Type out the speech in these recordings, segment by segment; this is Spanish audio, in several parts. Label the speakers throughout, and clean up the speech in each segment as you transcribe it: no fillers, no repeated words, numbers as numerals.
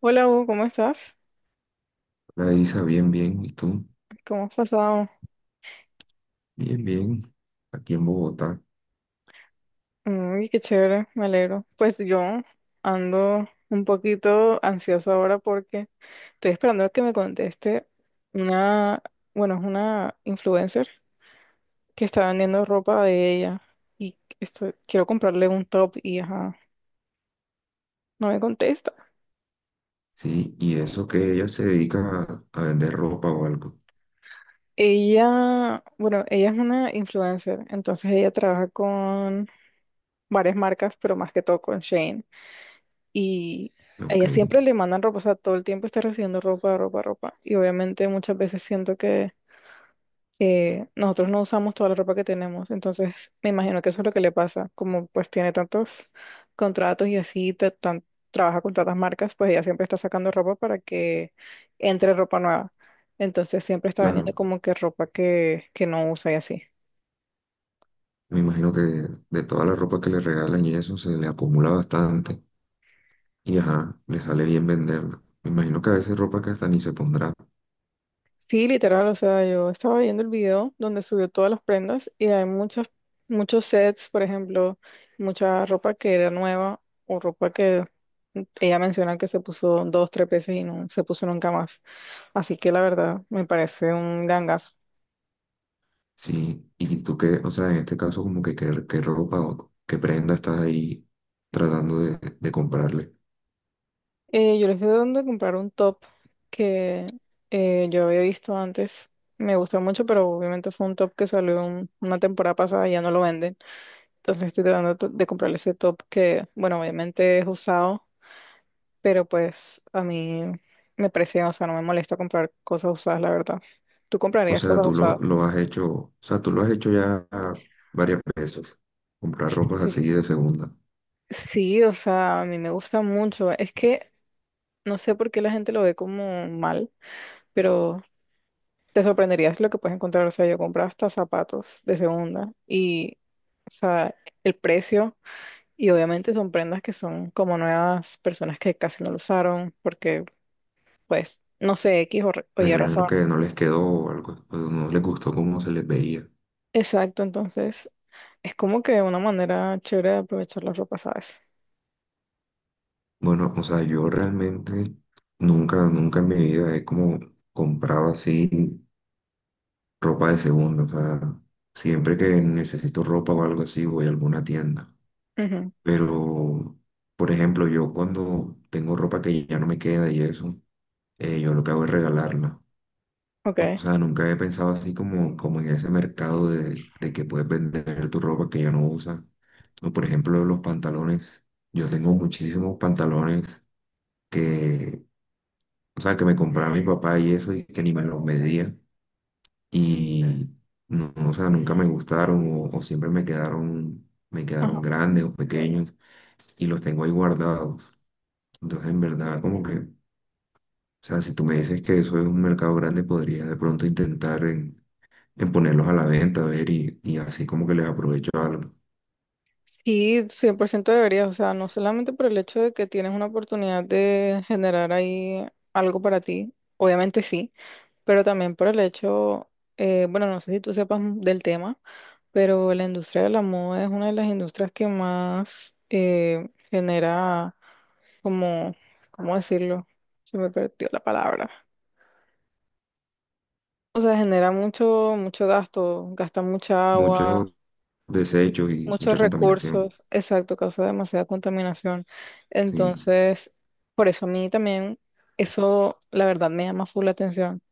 Speaker 1: Hola Hugo, ¿cómo estás?
Speaker 2: La Isa, bien, bien. ¿Y tú?
Speaker 1: ¿Cómo has pasado?
Speaker 2: Bien, bien. Aquí en Bogotá.
Speaker 1: Uy, qué chévere, me alegro. Pues yo ando un poquito ansioso ahora porque estoy esperando a que me conteste una, bueno, es una influencer que está vendiendo ropa de ella y esto quiero comprarle un top y ajá, no me contesta.
Speaker 2: Sí, y eso que ella se dedica a vender ropa o algo.
Speaker 1: Ella, bueno, ella es una influencer, entonces ella trabaja con varias marcas, pero más que todo con Shane. Y a
Speaker 2: Ok,
Speaker 1: ella siempre le mandan ropa, o sea, todo el tiempo está recibiendo ropa, ropa, ropa. Y obviamente muchas veces siento que nosotros no usamos toda la ropa que tenemos. Entonces, me imagino que eso es lo que le pasa. Como pues tiene tantos contratos y así, trabaja con tantas marcas, pues ella siempre está sacando ropa para que entre ropa nueva. Entonces, siempre está vendiendo
Speaker 2: claro.
Speaker 1: como que ropa que no usa y así.
Speaker 2: Me imagino que de toda la ropa que le regalan y eso se le acumula bastante. Y ajá, le sale bien venderla. Me imagino que a veces ropa que hasta ni se pondrá.
Speaker 1: Sí, literal, o sea, yo estaba viendo el video donde subió todas las prendas y hay muchas, muchos sets, por ejemplo, mucha ropa que era nueva o ropa que ella menciona que se puso dos, tres veces y no se puso nunca más. Así que la verdad, me parece un gangazo.
Speaker 2: Sí, ¿y tú qué, o sea, en este caso como que qué, qué ropa o qué prenda estás ahí tratando de comprarle?
Speaker 1: Yo le estoy dando de comprar un top que yo había visto antes. Me gusta mucho, pero obviamente fue un top que salió una temporada pasada y ya no lo venden. Entonces estoy tratando de comprarle ese top que, bueno, obviamente es usado, pero pues a mí me parece, o sea, no me molesta comprar cosas usadas, la verdad. ¿Tú
Speaker 2: O
Speaker 1: comprarías
Speaker 2: sea,
Speaker 1: cosas
Speaker 2: tú lo,
Speaker 1: usadas?
Speaker 2: lo has hecho, o sea, tú lo has hecho ya varias veces, comprar ropas
Speaker 1: Sí,
Speaker 2: así de segunda.
Speaker 1: sí, o sea, a mí me gusta mucho. Es que no sé por qué la gente lo ve como mal, pero te sorprenderías lo que puedes encontrar. O sea, yo compré hasta zapatos de segunda y, o sea, el precio, y obviamente son prendas que son como nuevas, personas que casi no lo usaron, porque pues, no sé, X o
Speaker 2: Me
Speaker 1: Y
Speaker 2: imagino
Speaker 1: razón.
Speaker 2: que no les quedó o algo, o no les gustó cómo se les veía.
Speaker 1: Exacto, entonces es como que una manera chévere de aprovechar la ropa, ¿sabes?
Speaker 2: Bueno, o sea, yo realmente nunca en mi vida he como comprado así ropa de segunda. O sea, siempre que necesito ropa o algo así, voy a alguna tienda.
Speaker 1: Ujú.
Speaker 2: Pero, por ejemplo, yo cuando tengo ropa que ya no me queda y eso, yo lo que hago es regalarla. O
Speaker 1: Ok.
Speaker 2: sea, nunca había pensado así como, como en ese mercado de que puedes vender tu ropa que ya no usas. O por ejemplo, los pantalones. Yo tengo muchísimos pantalones que, o sea, que me compraba mi papá y eso y que ni me los medía. Y no, o sea, nunca me gustaron o siempre me quedaron
Speaker 1: Ajá.
Speaker 2: grandes o pequeños y los tengo ahí guardados. Entonces, en verdad, como que, o sea, si tú me dices que eso es un mercado grande, podría de pronto intentar en ponerlos a la venta, a ver, y así como que les aprovecho algo.
Speaker 1: Sí, 100% deberías, o sea, no solamente por el hecho de que tienes una oportunidad de generar ahí algo para ti, obviamente sí, pero también por el hecho, bueno, no sé si tú sepas del tema, pero la industria de la moda es una de las industrias que más genera como, ¿cómo decirlo? Se me perdió la palabra. O sea, genera mucho, mucho gasto, gasta mucha agua,
Speaker 2: Muchos desechos y
Speaker 1: muchos
Speaker 2: mucha contaminación.
Speaker 1: recursos, exacto, causa demasiada contaminación.
Speaker 2: Sí,
Speaker 1: Entonces, por eso a mí también eso, la verdad, me llama full la atención,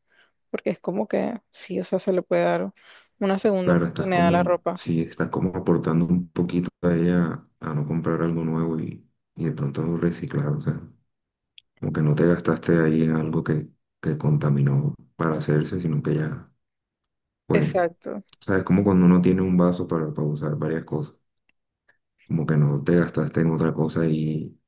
Speaker 1: porque es como que sí, o sea, se le puede dar una segunda
Speaker 2: claro, estás
Speaker 1: oportunidad a la
Speaker 2: como,
Speaker 1: ropa.
Speaker 2: sí, estás como aportando un poquito a ella a no comprar algo nuevo y de pronto reciclar, o sea, como que no te gastaste ahí en algo que contaminó para hacerse, sino que ya, pues,
Speaker 1: Exacto.
Speaker 2: sabes, como cuando uno tiene un vaso para usar varias cosas, como que no te gastaste en otra cosa y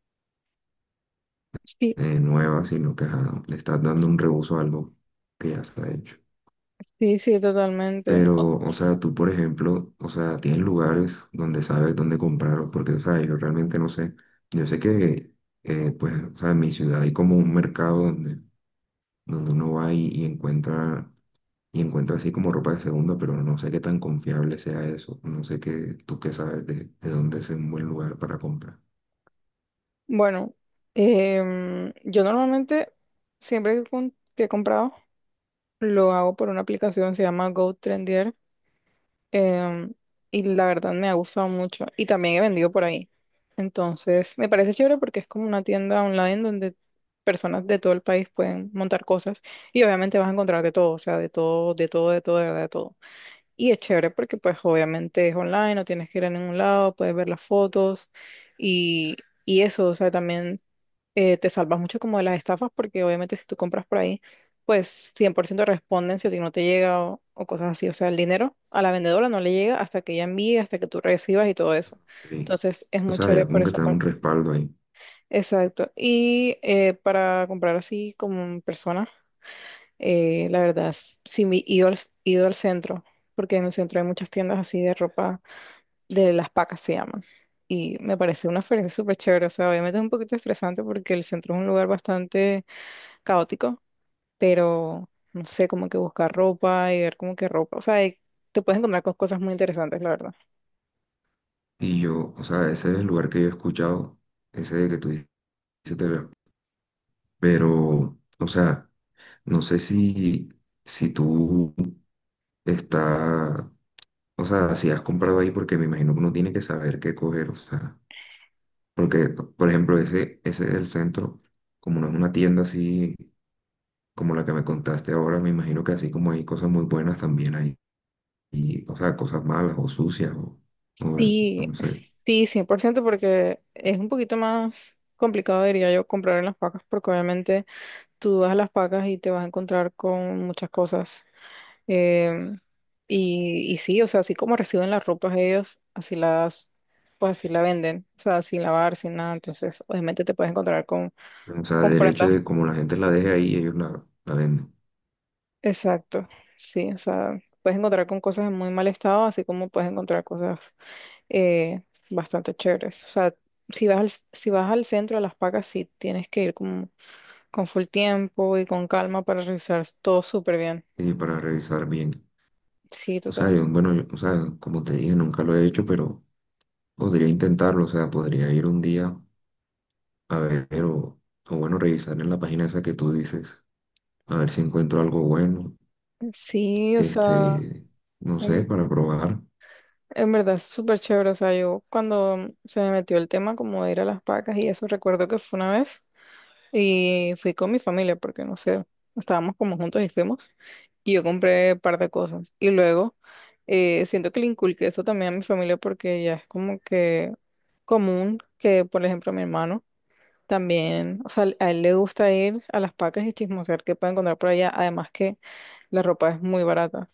Speaker 1: Sí,
Speaker 2: nueva, sino que ajá, le estás dando un reuso a algo que ya está hecho.
Speaker 1: sí, sí, totalmente.
Speaker 2: Pero, o sea, tú, por ejemplo, o sea, tienes lugares donde sabes dónde comprarlos, porque, o sea, yo realmente no sé. Yo sé que, pues, o sea, en mi ciudad hay como un mercado donde, donde uno va y encuentra así como ropa de segunda, pero no sé qué tan confiable sea eso. No sé qué, tú qué sabes de dónde es un buen lugar para comprar.
Speaker 1: Bueno, yo normalmente, siempre que he comprado, lo hago por una aplicación, se llama GoTrendier, em, y la verdad me ha gustado mucho y también he vendido por ahí. Entonces, me parece chévere porque es como una tienda online donde personas de todo el país pueden montar cosas y obviamente vas a encontrar de todo, o sea, de todo, de todo, de todo, de verdad, de todo. Y es chévere porque pues obviamente es online, no tienes que ir a ningún lado, puedes ver las fotos y, y eso, o sea, también te salvas mucho como de las estafas porque obviamente si tú compras por ahí, pues 100% responden si a ti no te llega o cosas así. O sea, el dinero a la vendedora no le llega hasta que ella envíe, hasta que tú recibas y todo eso.
Speaker 2: Sí.
Speaker 1: Entonces es
Speaker 2: O
Speaker 1: muy
Speaker 2: sea,
Speaker 1: chévere
Speaker 2: ya
Speaker 1: por
Speaker 2: como que
Speaker 1: esa
Speaker 2: te da un
Speaker 1: parte.
Speaker 2: respaldo ahí.
Speaker 1: Exacto. Y para comprar así como en persona, la verdad, sí me he ido al centro, porque en el centro hay muchas tiendas así de ropa, de las pacas se llaman. Y me parece una experiencia súper chévere. O sea, obviamente es un poquito estresante porque el centro es un lugar bastante caótico, pero no sé, como que buscar ropa y ver como que ropa, o sea, y te puedes encontrar con cosas muy interesantes, la verdad.
Speaker 2: Y yo, o sea, ese es el lugar que yo he escuchado, ese que tú dices, Telerama. Pero, o sea, no sé si, si tú está, o sea, si has comprado ahí, porque me imagino que uno tiene que saber qué coger, o sea, porque, por ejemplo, ese es el centro, como no es una tienda así como la que me contaste ahora, me imagino que así como hay cosas muy buenas también hay, y, o sea, cosas malas o sucias, o,
Speaker 1: Sí,
Speaker 2: no sé,
Speaker 1: sí, 100%, porque es un poquito más complicado, diría yo, comprar en las pacas, porque obviamente tú vas a las pacas y te vas a encontrar con muchas cosas. Em, y sí, o sea, así como reciben las ropas ellos, así las, pues así la venden, o sea, sin lavar, sin nada, entonces obviamente te puedes encontrar con,
Speaker 2: o sea, derecho
Speaker 1: comprendas
Speaker 2: de como la gente la deje ahí, ellos la, la venden.
Speaker 1: exacto, sí, o sea, puedes encontrar con cosas en muy mal estado, así como puedes encontrar cosas eh, bastante chéveres. O sea, si vas al centro de Las Pacas, sí tienes que ir con full tiempo y con calma para revisar todo súper bien.
Speaker 2: Eh, para revisar bien.
Speaker 1: Sí,
Speaker 2: O sea,
Speaker 1: total.
Speaker 2: yo, bueno, o sea, como te dije, nunca lo he hecho, pero podría intentarlo. O sea, podría ir un día a ver o bueno, revisar en la página esa que tú dices, a ver si encuentro algo bueno,
Speaker 1: Sí, o sea,
Speaker 2: este, no sé,
Speaker 1: en,
Speaker 2: para probar.
Speaker 1: en verdad es súper chévere. O sea, yo cuando se me metió el tema como de ir a Las Pacas y eso, recuerdo que fue una vez. Y fui con mi familia porque no sé, estábamos como juntos y fuimos. Y yo compré un par de cosas. Y luego siento que le inculqué eso también a mi familia porque ya es como que común que, por ejemplo, mi hermano también, o sea, a él le gusta ir a las pacas y chismosear qué puede encontrar por allá. Además que la ropa es muy barata.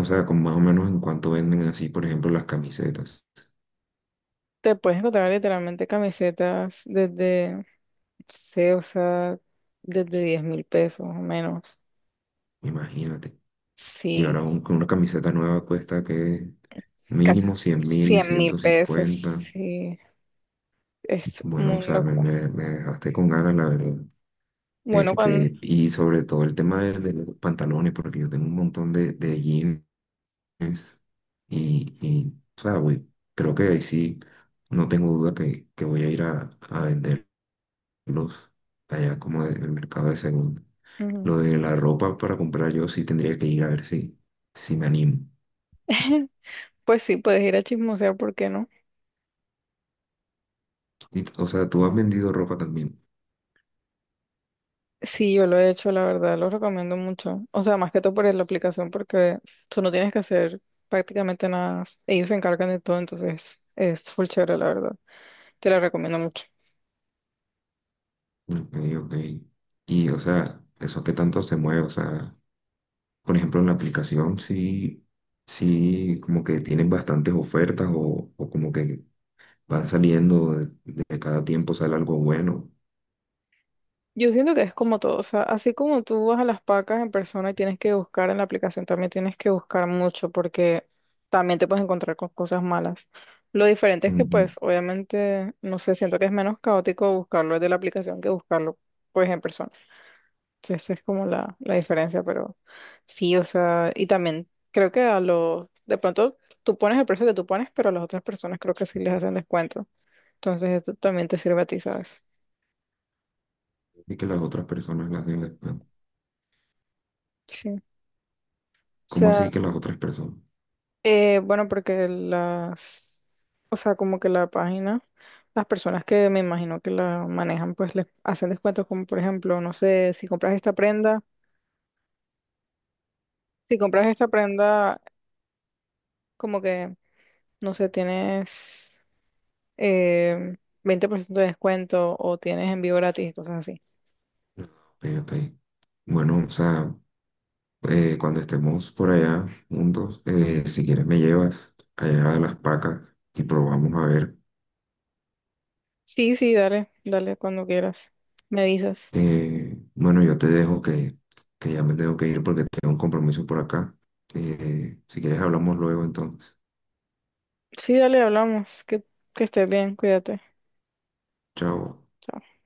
Speaker 2: O sea, ¿con más o menos en cuánto venden así, por ejemplo, las camisetas?
Speaker 1: Te puedes encontrar literalmente camisetas desde, no sé, o sea, desde 10.000 pesos o menos.
Speaker 2: Imagínate. Y ahora
Speaker 1: Sí.
Speaker 2: una camiseta nueva cuesta que
Speaker 1: Casi
Speaker 2: mínimo 100.000,
Speaker 1: cien mil
Speaker 2: ciento
Speaker 1: pesos,
Speaker 2: cincuenta.
Speaker 1: sí, es
Speaker 2: Bueno, o
Speaker 1: muy
Speaker 2: sea, me,
Speaker 1: locura.
Speaker 2: me dejaste con ganas, la verdad.
Speaker 1: Bueno, cuando.
Speaker 2: Este, y sobre todo el tema de los pantalones, porque yo tengo un montón de jeans y, o sea, creo que ahí sí, no tengo duda que voy a ir a venderlos allá como en el mercado de segundo.
Speaker 1: Ujú.
Speaker 2: Lo de la ropa para comprar yo sí tendría que ir a ver si, si me animo.
Speaker 1: Pues sí, puedes ir a chismosear, ¿por qué no?
Speaker 2: Y, o sea, tú has vendido ropa también.
Speaker 1: Sí, yo lo he hecho, la verdad, lo recomiendo mucho. O sea, más que todo por la aplicación, porque tú no tienes que hacer prácticamente nada. Ellos se encargan de todo, entonces es full chévere, la verdad. Te la recomiendo mucho.
Speaker 2: Ok, ok. Y, o sea, ¿eso qué tanto se mueve? O sea, por ejemplo, en la aplicación sí, sí como que tienen bastantes ofertas o como que van saliendo de cada tiempo sale algo bueno.
Speaker 1: Yo siento que es como todo, o sea, así como tú vas a las pacas en persona y tienes que buscar en la aplicación, también tienes que buscar mucho porque también te puedes encontrar con cosas malas. Lo diferente es que
Speaker 2: Ujú.
Speaker 1: pues obviamente, no sé, siento que es menos caótico buscarlo desde la aplicación que buscarlo pues en persona. Entonces esa es como la diferencia, pero sí, o sea, y también creo que a los, de pronto tú pones el precio que tú pones, pero a las otras personas creo que sí les hacen descuento. Entonces esto también te sirve a ti, ¿sabes?
Speaker 2: Y que las otras personas las den después.
Speaker 1: Sí. O
Speaker 2: ¿Cómo
Speaker 1: sea,
Speaker 2: así que las otras personas?
Speaker 1: Bueno, porque las, o sea, como que la página, las personas que me imagino que la manejan, pues les hacen descuentos como, por ejemplo, no sé, si compras esta prenda, como que, no sé, tienes eh, 20% de descuento o tienes envío gratis y cosas así.
Speaker 2: Ok, ok. Bueno, o sea, cuando estemos por allá juntos, si quieres me llevas allá a las pacas y probamos a ver.
Speaker 1: Sí, sí, dale, dale cuando quieras. Me avisas.
Speaker 2: Bueno, yo te dejo que ya me tengo que ir porque tengo un compromiso por acá. Si quieres hablamos luego entonces.
Speaker 1: Sí, dale, hablamos. Que estés bien, cuídate.
Speaker 2: Chao.
Speaker 1: Chao.